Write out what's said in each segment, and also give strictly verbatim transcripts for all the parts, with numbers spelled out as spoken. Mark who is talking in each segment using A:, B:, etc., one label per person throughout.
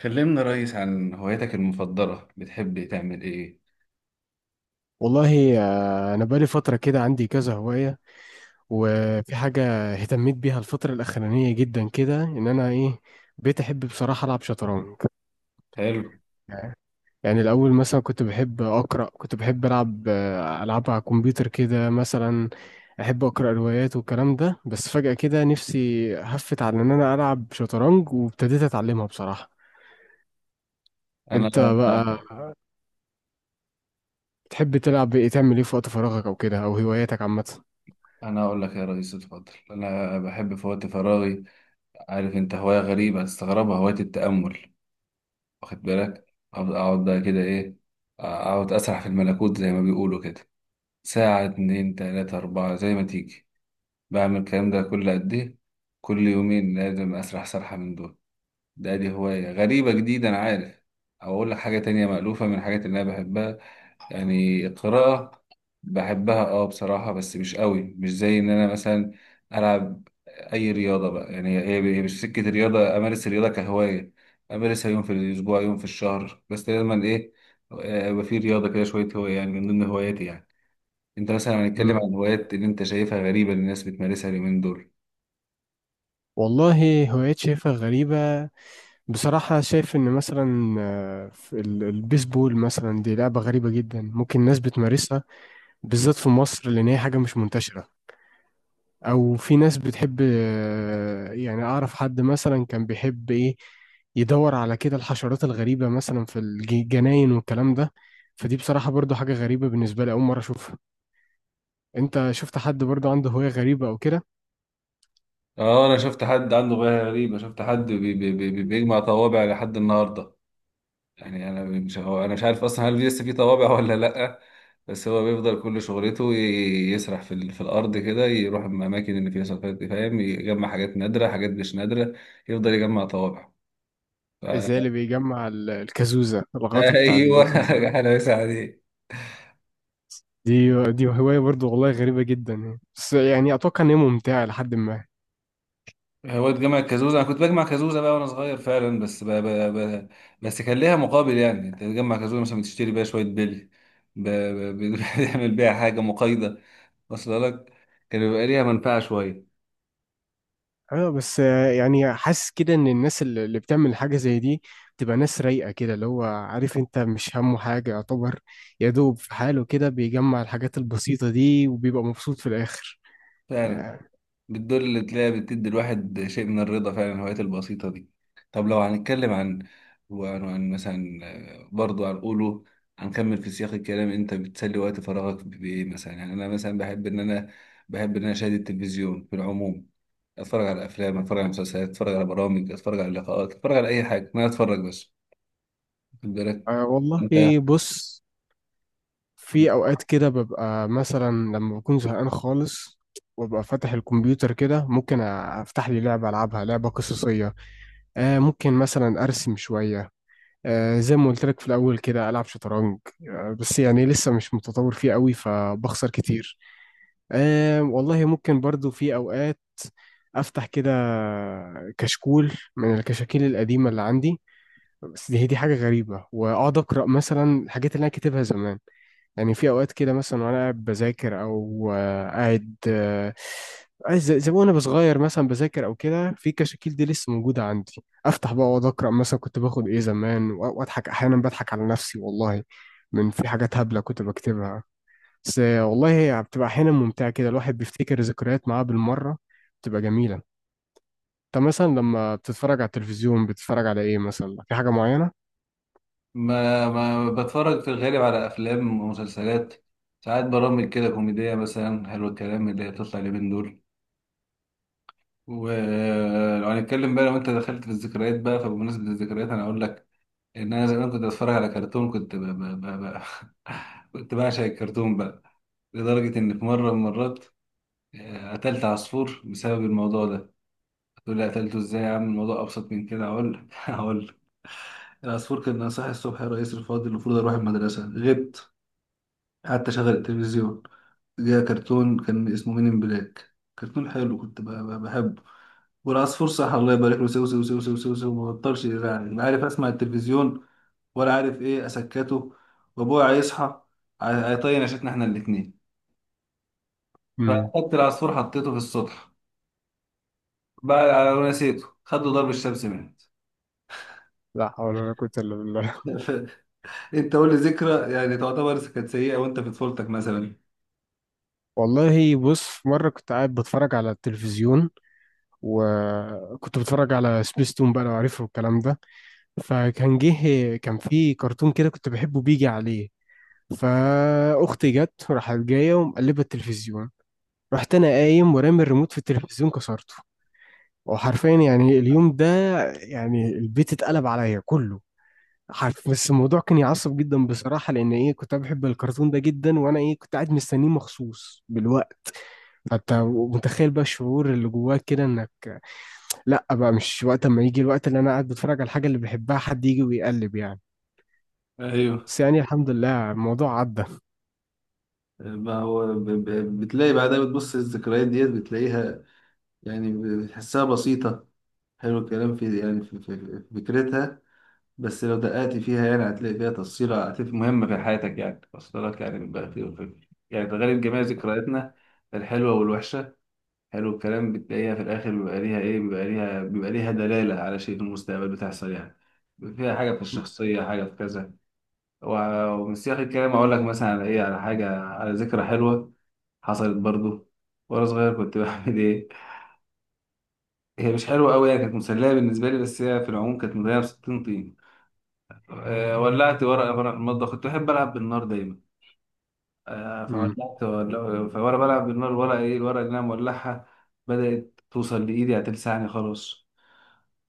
A: كلمنا يا ريس عن هواياتك المفضلة، بتحب تعمل ايه؟
B: والله، آه، أنا بقالي فترة كده عندي كذا هواية. وفي حاجة اهتميت بيها الفترة الأخرانية جدا كده، إن أنا إيه بقيت أحب بصراحة ألعب شطرنج.
A: حلو.
B: يعني الأول مثلا كنت بحب أقرأ، كنت بحب ألعب آه، ألعاب على الكمبيوتر كده مثلا، أحب أقرأ روايات والكلام ده. بس فجأة كده نفسي هفت على إن أنا ألعب شطرنج، وابتديت أتعلمها بصراحة. أنت
A: انا
B: بقى بتحب تلعب إيه، تعمل إيه في وقت فراغك أو كده، أو هواياتك عامة؟
A: انا اقول لك يا ريس، اتفضل. انا بحب في وقت فراغي، عارف انت، هواية غريبة هتستغربها، هواية التأمل. واخد بالك؟ اقعد أقعد بقى كده ايه، اقعد اسرح في الملكوت زي ما بيقولوا كده. ساعة، اتنين، تلاتة، اربعة، زي ما تيجي. بعمل الكلام ده كل قد ايه؟ كل يومين لازم اسرح سرحة من دول. ده دي هواية غريبة جديدة، انا عارف. او اقول لك حاجة تانية مألوفة من الحاجات اللي انا بحبها، يعني القراءة. بحبها، اه بصراحة، بس مش قوي، مش زي ان انا مثلا العب اي رياضة بقى، يعني هي هي مش سكة رياضة، امارس الرياضة كهواية، امارسها يوم في الاسبوع، يوم في الشهر، بس دايما ايه، آه، يبقى في رياضة كده شوية، هواية يعني من ضمن هواياتي يعني. انت مثلا، هنتكلم
B: مم.
A: عن هوايات اللي انت شايفها غريبة اللي الناس بتمارسها اليومين دول؟
B: والله هوايات شايفها غريبة بصراحة. شايف إن مثلا آه، في ال- البيسبول مثلا دي لعبة غريبة جدا، ممكن ناس بتمارسها، بالذات في مصر لأن هي حاجة مش منتشرة. أو في ناس بتحب آه، يعني، أعرف حد مثلا كان بيحب إيه يدور على كده الحشرات الغريبة مثلا في الجناين والكلام ده. فدي بصراحة برضو حاجة غريبة بالنسبة لي، أول مرة أشوفها. أنت شفت حد برضو عنده هواية غريبة أو كده؟
A: اه، انا شفت حد عنده هواية غريبة، شفت حد بي بي بي بيجمع طوابع لحد النهاردة. يعني انا مش هو انا مش عارف اصلا هل لسه في طوابع ولا لا، بس هو بيفضل كل شغلته ي- يسرح في ال- في الارض كده، يروح الاماكن اللي فيها سلفات دي، فاهم، يجمع حاجات نادره، حاجات مش نادره، يفضل يجمع طوابع. ف...
B: زي اللي بيجمع ال- الكازوزة، الغطا بتاع
A: ايوه.
B: الإزازة.
A: انا بس عليه.
B: دي دي هواية برضو والله غريبة جدا يعني. بس يعني أتوقع إن هي ممتعة لحد ما.
A: هو اتجمع كازوزه، انا كنت بجمع كازوزه بقى وانا صغير فعلا، بس ب... ب... ب... بس كان ليها مقابل، يعني انت تجمع كازوزه مثلا بتشتري بيها شويه بلي، ب... ب... بتعمل بيها حاجه مقايضه، واصله لك، كان بيبقى ليها منفعه شويه.
B: أه بس آه، يعني حاسس كده إن الناس اللي اللي بتعمل حاجة زي دي بتبقى ناس رايقة كده، اللي هو عارف، أنت مش همه حاجة يعتبر، يا دوب في حاله كده بيجمع الحاجات البسيطة دي وبيبقى مبسوط في الآخر،
A: فعلا،
B: يعني.
A: بالدور اللي تلاقيها بتدي الواحد شيء من الرضا، فعلا الهوايات البسيطة دي. طب لو هنتكلم عن وعن عن مثلا، آه، برضو هنقوله، هنكمل في سياق الكلام. انت بتسلي وقت فراغك بإيه مثلا؟ يعني انا مثلا بحب ان انا بحب ان انا اشاهد التلفزيون في العموم، اتفرج على افلام، اتفرج على مسلسلات، اتفرج على برامج، اتفرج على لقاءات، اتفرج على اي حاجة، ما اتفرج بس. واخد بالك؟
B: أه والله
A: انت؟
B: إيه بص، في أوقات كده ببقى مثلا لما بكون زهقان خالص، وابقى فاتح الكمبيوتر كده، ممكن افتح لي لعبه العبها، لعبه قصصيه. آه ممكن مثلا ارسم شويه. آه، زي ما قلت لك في الأول كده ألعب شطرنج، آه، بس يعني لسه مش متطور فيه قوي فبخسر كتير. أه والله ممكن برضو في أوقات أفتح كده كشكول من الكشاكيل القديمة اللي عندي، بس دي هي دي حاجة غريبة، وأقعد أقرأ مثلا الحاجات اللي أنا كاتبها زمان. يعني في اوقات كده مثلا وانا قاعد بذاكر او آه، قاعد آه، عايز زي زي ما وانا صغير مثلا بذاكر او كده، في كشاكيل دي لسه موجوده عندي، افتح بقى واقعد اقرا مثلا كنت باخد ايه زمان، و- واضحك احيانا، بضحك على نفسي والله من في حاجات هبله كنت بكتبها. بس آه، والله هي بتبقى احيانا ممتعه كده، الواحد بيفتكر ذكريات معاه بالمره، بتبقى جميله. انت مثلا لما بتتفرج على التلفزيون، بتتفرج على ايه مثلا؟ في حاجه معينه؟
A: ما ما بتفرج في الغالب على افلام ومسلسلات، ساعات برامج كده كوميدية مثلا، حلو الكلام اللي هي بتطلع اليومين دول. ولو هنتكلم بقى، لو انت دخلت في الذكريات بقى، فبمناسبة الذكريات انا اقول لك ان انا زمان كنت بتفرج على كرتون، كنت ب... ب... ب... ب... كنت بعشق الكرتون بقى، لدرجة ان في مرة من المرات آه، قتلت عصفور بسبب الموضوع ده. تقول لي قتلته ازاي يا عم؟ الموضوع ابسط من كده، هقول لك هقول لك. العصفور كان صاحي الصبح، يا رئيس الفاضل المفروض اروح المدرسة، غبت، قعدت اشغل التلفزيون، جه كرتون كان اسمه مين ان بلاك، كرتون حلو كنت ب- ب- بحبه. والعصفور صح، الله يبارك له، سو سو سو سو سو سو، ما بطلش يزعل، لا عارف اسمع التلفزيون ولا عارف ايه اسكته، وابويا هيصحى، هي- هيطين عشتنا احنا الاتنين.
B: امم.
A: فاخدت العصفور حطيته في السطح بقى ونسيته، خد له ضرب الشمس، مات.
B: لا حول ولا قوه الا بالله.
A: انت قول لي ذكرى يعني تعتبر كانت سيئة وانت في طفولتك مثلا؟
B: والله بص، مرة كنت قاعد بتفرج على التلفزيون، وكنت بتفرج على سبيستون بقى لو عارفه الكلام ده. فكان جه كان في كرتون كده كنت بحبه بيجي عليه، فأختي جت راحت جاية ومقلبة التلفزيون، رحت أنا قايم ورامي الريموت في التلفزيون، كسرته. وحرفيا يعني اليوم ده، يعني البيت اتقلب عليا كله. حرف بس الموضوع كان يعصب جدا بصراحة، لأن إيه كنت أنا بحب الكرتون ده جدا، وأنا إيه كنت قاعد مستنيه مخصوص بالوقت. انت متخيل بقى الشعور اللي جواك كده، انك، لا بقى مش وقت، اما يجي الوقت اللي انا قاعد بتفرج على الحاجه اللي بحبها حد يجي ويقلب، يعني.
A: ايوه.
B: بس يعني الحمد لله الموضوع عدى.
A: ما هو ب- ب- بتلاقي بعدها، بتبص الذكريات ديت بتلاقيها، يعني بتحسها بسيطة. حلو الكلام في، يعني في في- في فكرتها، بس لو دققت فيها يعني هتلاقي فيها تفصيلة، هتلاقي مهمة في حياتك، يعني وصلت لك، يعني بيبقى في يعني تغير جميع ذكرياتنا، الحلوة والوحشة. حلو الكلام، بتلاقيها في الآخر بيبقى ليها إيه، بيبقى ليها بيبقى ليها دلالة على شيء في المستقبل بتحصل، يعني فيها حاجة في الشخصية، حاجة في كذا. و- ومن سياق الكلام أقول لك مثلا على إيه، على حاجة على ذكرى حلوة حصلت برضو وأنا صغير، كنت بعمل إيه، هي مش حلوة أوي، يعني كانت مسلية بالنسبة لي، بس هي في العموم كانت مليانة بستين طين. آه، ولعت ورقة وأنا في المطبخ، كنت بحب ألعب بالنار دايما. آه،
B: امم.
A: فولعت ول- فوأنا بلعب بالنار، الورقة إيه، الورقة اللي أنا مولعها بدأت توصل لإيدي، هتلسعني خلاص،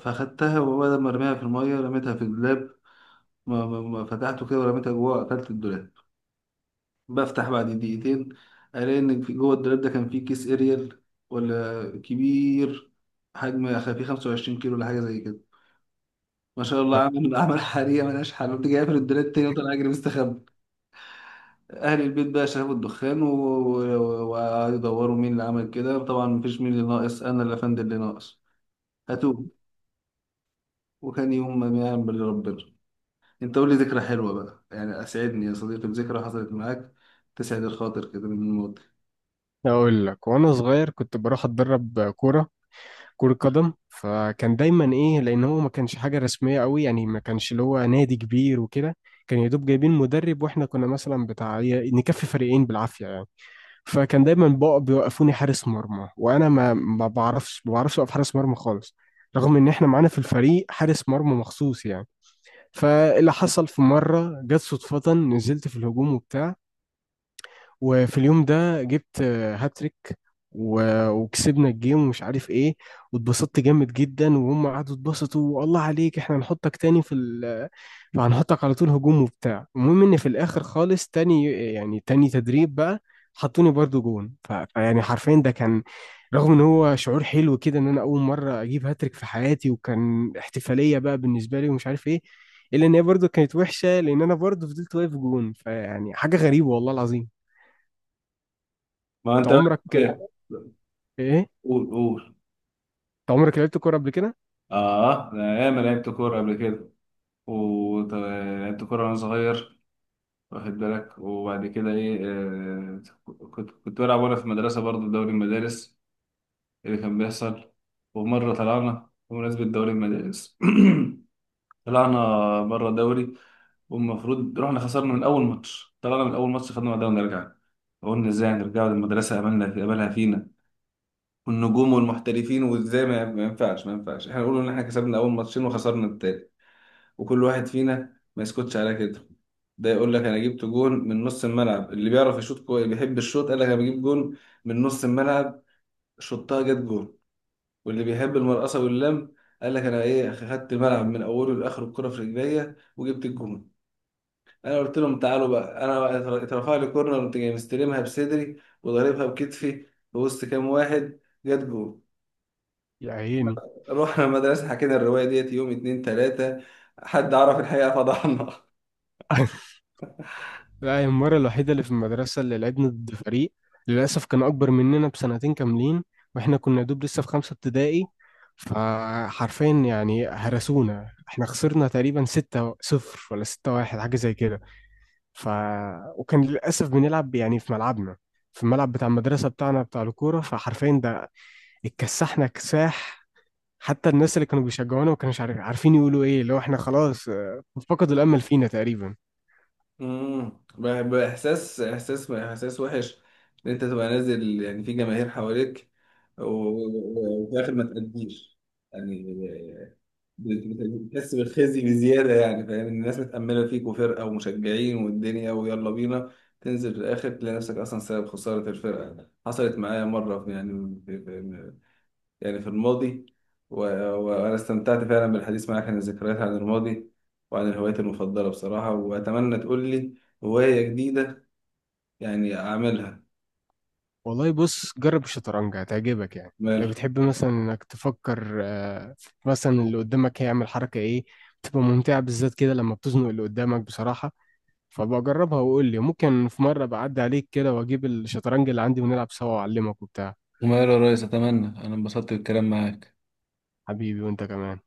A: فأخدتها وبدل ما أرميها في المية رميتها في الدولاب، ما- ما- ما فتحته كده ورميتها جوه، قفلت الدولاب. بفتح بعد دقيقتين، ألاقي إن في جوه الدولاب ده كان فيه كيس إريال، ولا كبير، حجم خ- فيه 25 كيلو ولا حاجة زي كده. ما شاء الله، عامل عمل حريقة ملهاش حل. قمت جاي قافل الدولاب تاني وطلع أجري مستخبي. اهل البيت بقى شافوا الدخان، و- و- وقعدوا يدوروا مين اللي عمل كده. طبعا مفيش، مين اللي ناقص، انا اللي افند اللي ناقص، هاتوه، وكان يوم ما يعمل ربنا. انت قول لي ذكرى حلوه بقى، يعني اسعدني يا صديقي بذكرى حصلت معاك، تسعد الخاطر كده من الماضي.
B: اقول لك، وانا صغير كنت بروح اتدرب كوره، كره قدم. فكان دايما ايه، لان هو ما كانش حاجه رسميه قوي يعني، ما كانش اللي هو نادي كبير وكده، كان يا دوب جايبين مدرب، واحنا كنا مثلا بتاع نكفي فريقين بالعافيه يعني. فكان دايما بقى بيوقفوني حارس مرمى، وانا ما ما بعرفش ما بعرفش اوقف حارس مرمى خالص، رغم ان احنا معانا في الفريق حارس مرمى مخصوص يعني. فاللي حصل، في مره جت صدفه نزلت في الهجوم وبتاع، وفي اليوم ده جبت آه، هاتريك و- وكسبنا الجيم، ومش عارف ايه، واتبسطت جامد جدا، وهم قعدوا اتبسطوا، والله عليك احنا هنحطك تاني في ال هنحطك على طول هجوم وبتاع. المهم ان في الاخر خالص تاني، يعني تاني تدريب بقى، حطوني برضو جون، ف- فيعني حرفيا ده كان، رغم ان هو شعور حلو كده ان انا اول مره اجيب هاتريك في حياتي، وكان احتفاليه بقى بالنسبه لي ومش عارف ايه، الا ان هي برضو كانت وحشه لان انا برضو فضلت واقف جون، فيعني حاجه غريبه والله العظيم.
A: ما
B: انت
A: انت بقى
B: عمرك
A: كده.
B: ايه انت
A: قول، قول.
B: عمرك لعبت كوره قبل كده؟
A: اه، انا ياما لعبت كوره قبل كده، ولعبت كوره وانا صغير، واخد بالك؟ وبعد كده ايه، آه كنت كنت بلعب وانا في المدرسه برضه في دوري المدارس اللي كان بيحصل. ومرة طلعنا بمناسبة دوري المدارس، طلعنا بره الدوري. والمفروض رحنا خسرنا من أول ماتش، طلعنا من أول ماتش، خدنا بعدها ونرجع. قلنا، ازاي هنرجعوا للمدرسة؟ أملنا في أملها فينا، والنجوم والمحترفين، وازاي؟ ما ما ينفعش، ما ينفعش احنا نقول إن احنا كسبنا أول ماتشين وخسرنا التالت، وكل واحد فينا ما يسكتش على كده. ده يقول لك، انا جبت جون من نص الملعب. اللي بيعرف يشوط كويس بيحب الشوط قال لك، انا بجيب جون من نص الملعب، شطها جت جون. واللي بيحب المرقصة واللم قال لك، أنا إيه، خدت الملعب من أوله لآخره، الكرة في رجليا وجبت الجون. أنا قلت لهم، تعالوا بقى، أنا بقى اتر- اترفع لي كورنر قمت جاي مستلمها بصدري وضاربها بكتفي في وسط كام واحد، جت جون.
B: يا عيني.
A: رحنا المدرسة، حكينا الرواية ديت يوم، اتنين، تلاتة، حد عرف الحقيقة فضحنا.
B: لا، هي المره الوحيده اللي في المدرسه اللي لعبنا ضد فريق، للاسف كان اكبر مننا بسنتين كاملين، واحنا كنا دوب لسه في خمسه ابتدائي. فحرفيا يعني هرسونا، احنا خسرنا تقريبا ستة صفر ولا ستة واحد، حاجه زي كده. ف وكان للاسف بنلعب يعني في ملعبنا، في الملعب بتاع المدرسه بتاعنا بتاع الكوره، فحرفيا ده اتكسحنا كساح. حتى الناس اللي كانوا بيشجعونا ما كانوش عارف عارفين يقولوا ايه، اللي هو احنا خلاص آه، فقدوا الامل فينا تقريبا.
A: امم بح- بإحساس إحساس إحساس وحش، إن أنت تبقى نازل يعني في جماهير حواليك، و- و- و- وفي الآخر ما تأديش، يعني بتحس بالخزي بزيادة، يعني فاهم إن الناس متأملة فيك، وفرقة ومشجعين والدنيا ويلا بينا، تنزل في الآخر تلاقي نفسك أصلا سبب خسارة الفرقة. حصلت معايا مرة في، يعني في في يعني في الماضي. و- و- وأنا استمتعت فعلا بالحديث معاك عن الذكريات، عن الماضي، وعن الهوايات المفضلة بصراحة، وأتمنى تقول لي هواية جديدة يعني أعملها.
B: والله بص، جرب الشطرنج هتعجبك يعني، لو
A: مال؟
B: بتحب مثلا انك تفكر آه، مثلا اللي قدامك هيعمل حركة ايه، بتبقى ممتعة بالذات كده لما بتزنق اللي قدامك بصراحة. فبقى جربها وقول لي، ممكن في مرة بعدي عليك كده واجيب الشطرنج اللي عندي ونلعب سوا، واعلمك وبتاع.
A: وماله يا ريس، اتمنى، انا انبسطت بالكلام معاك.
B: حبيبي، وانت كمان.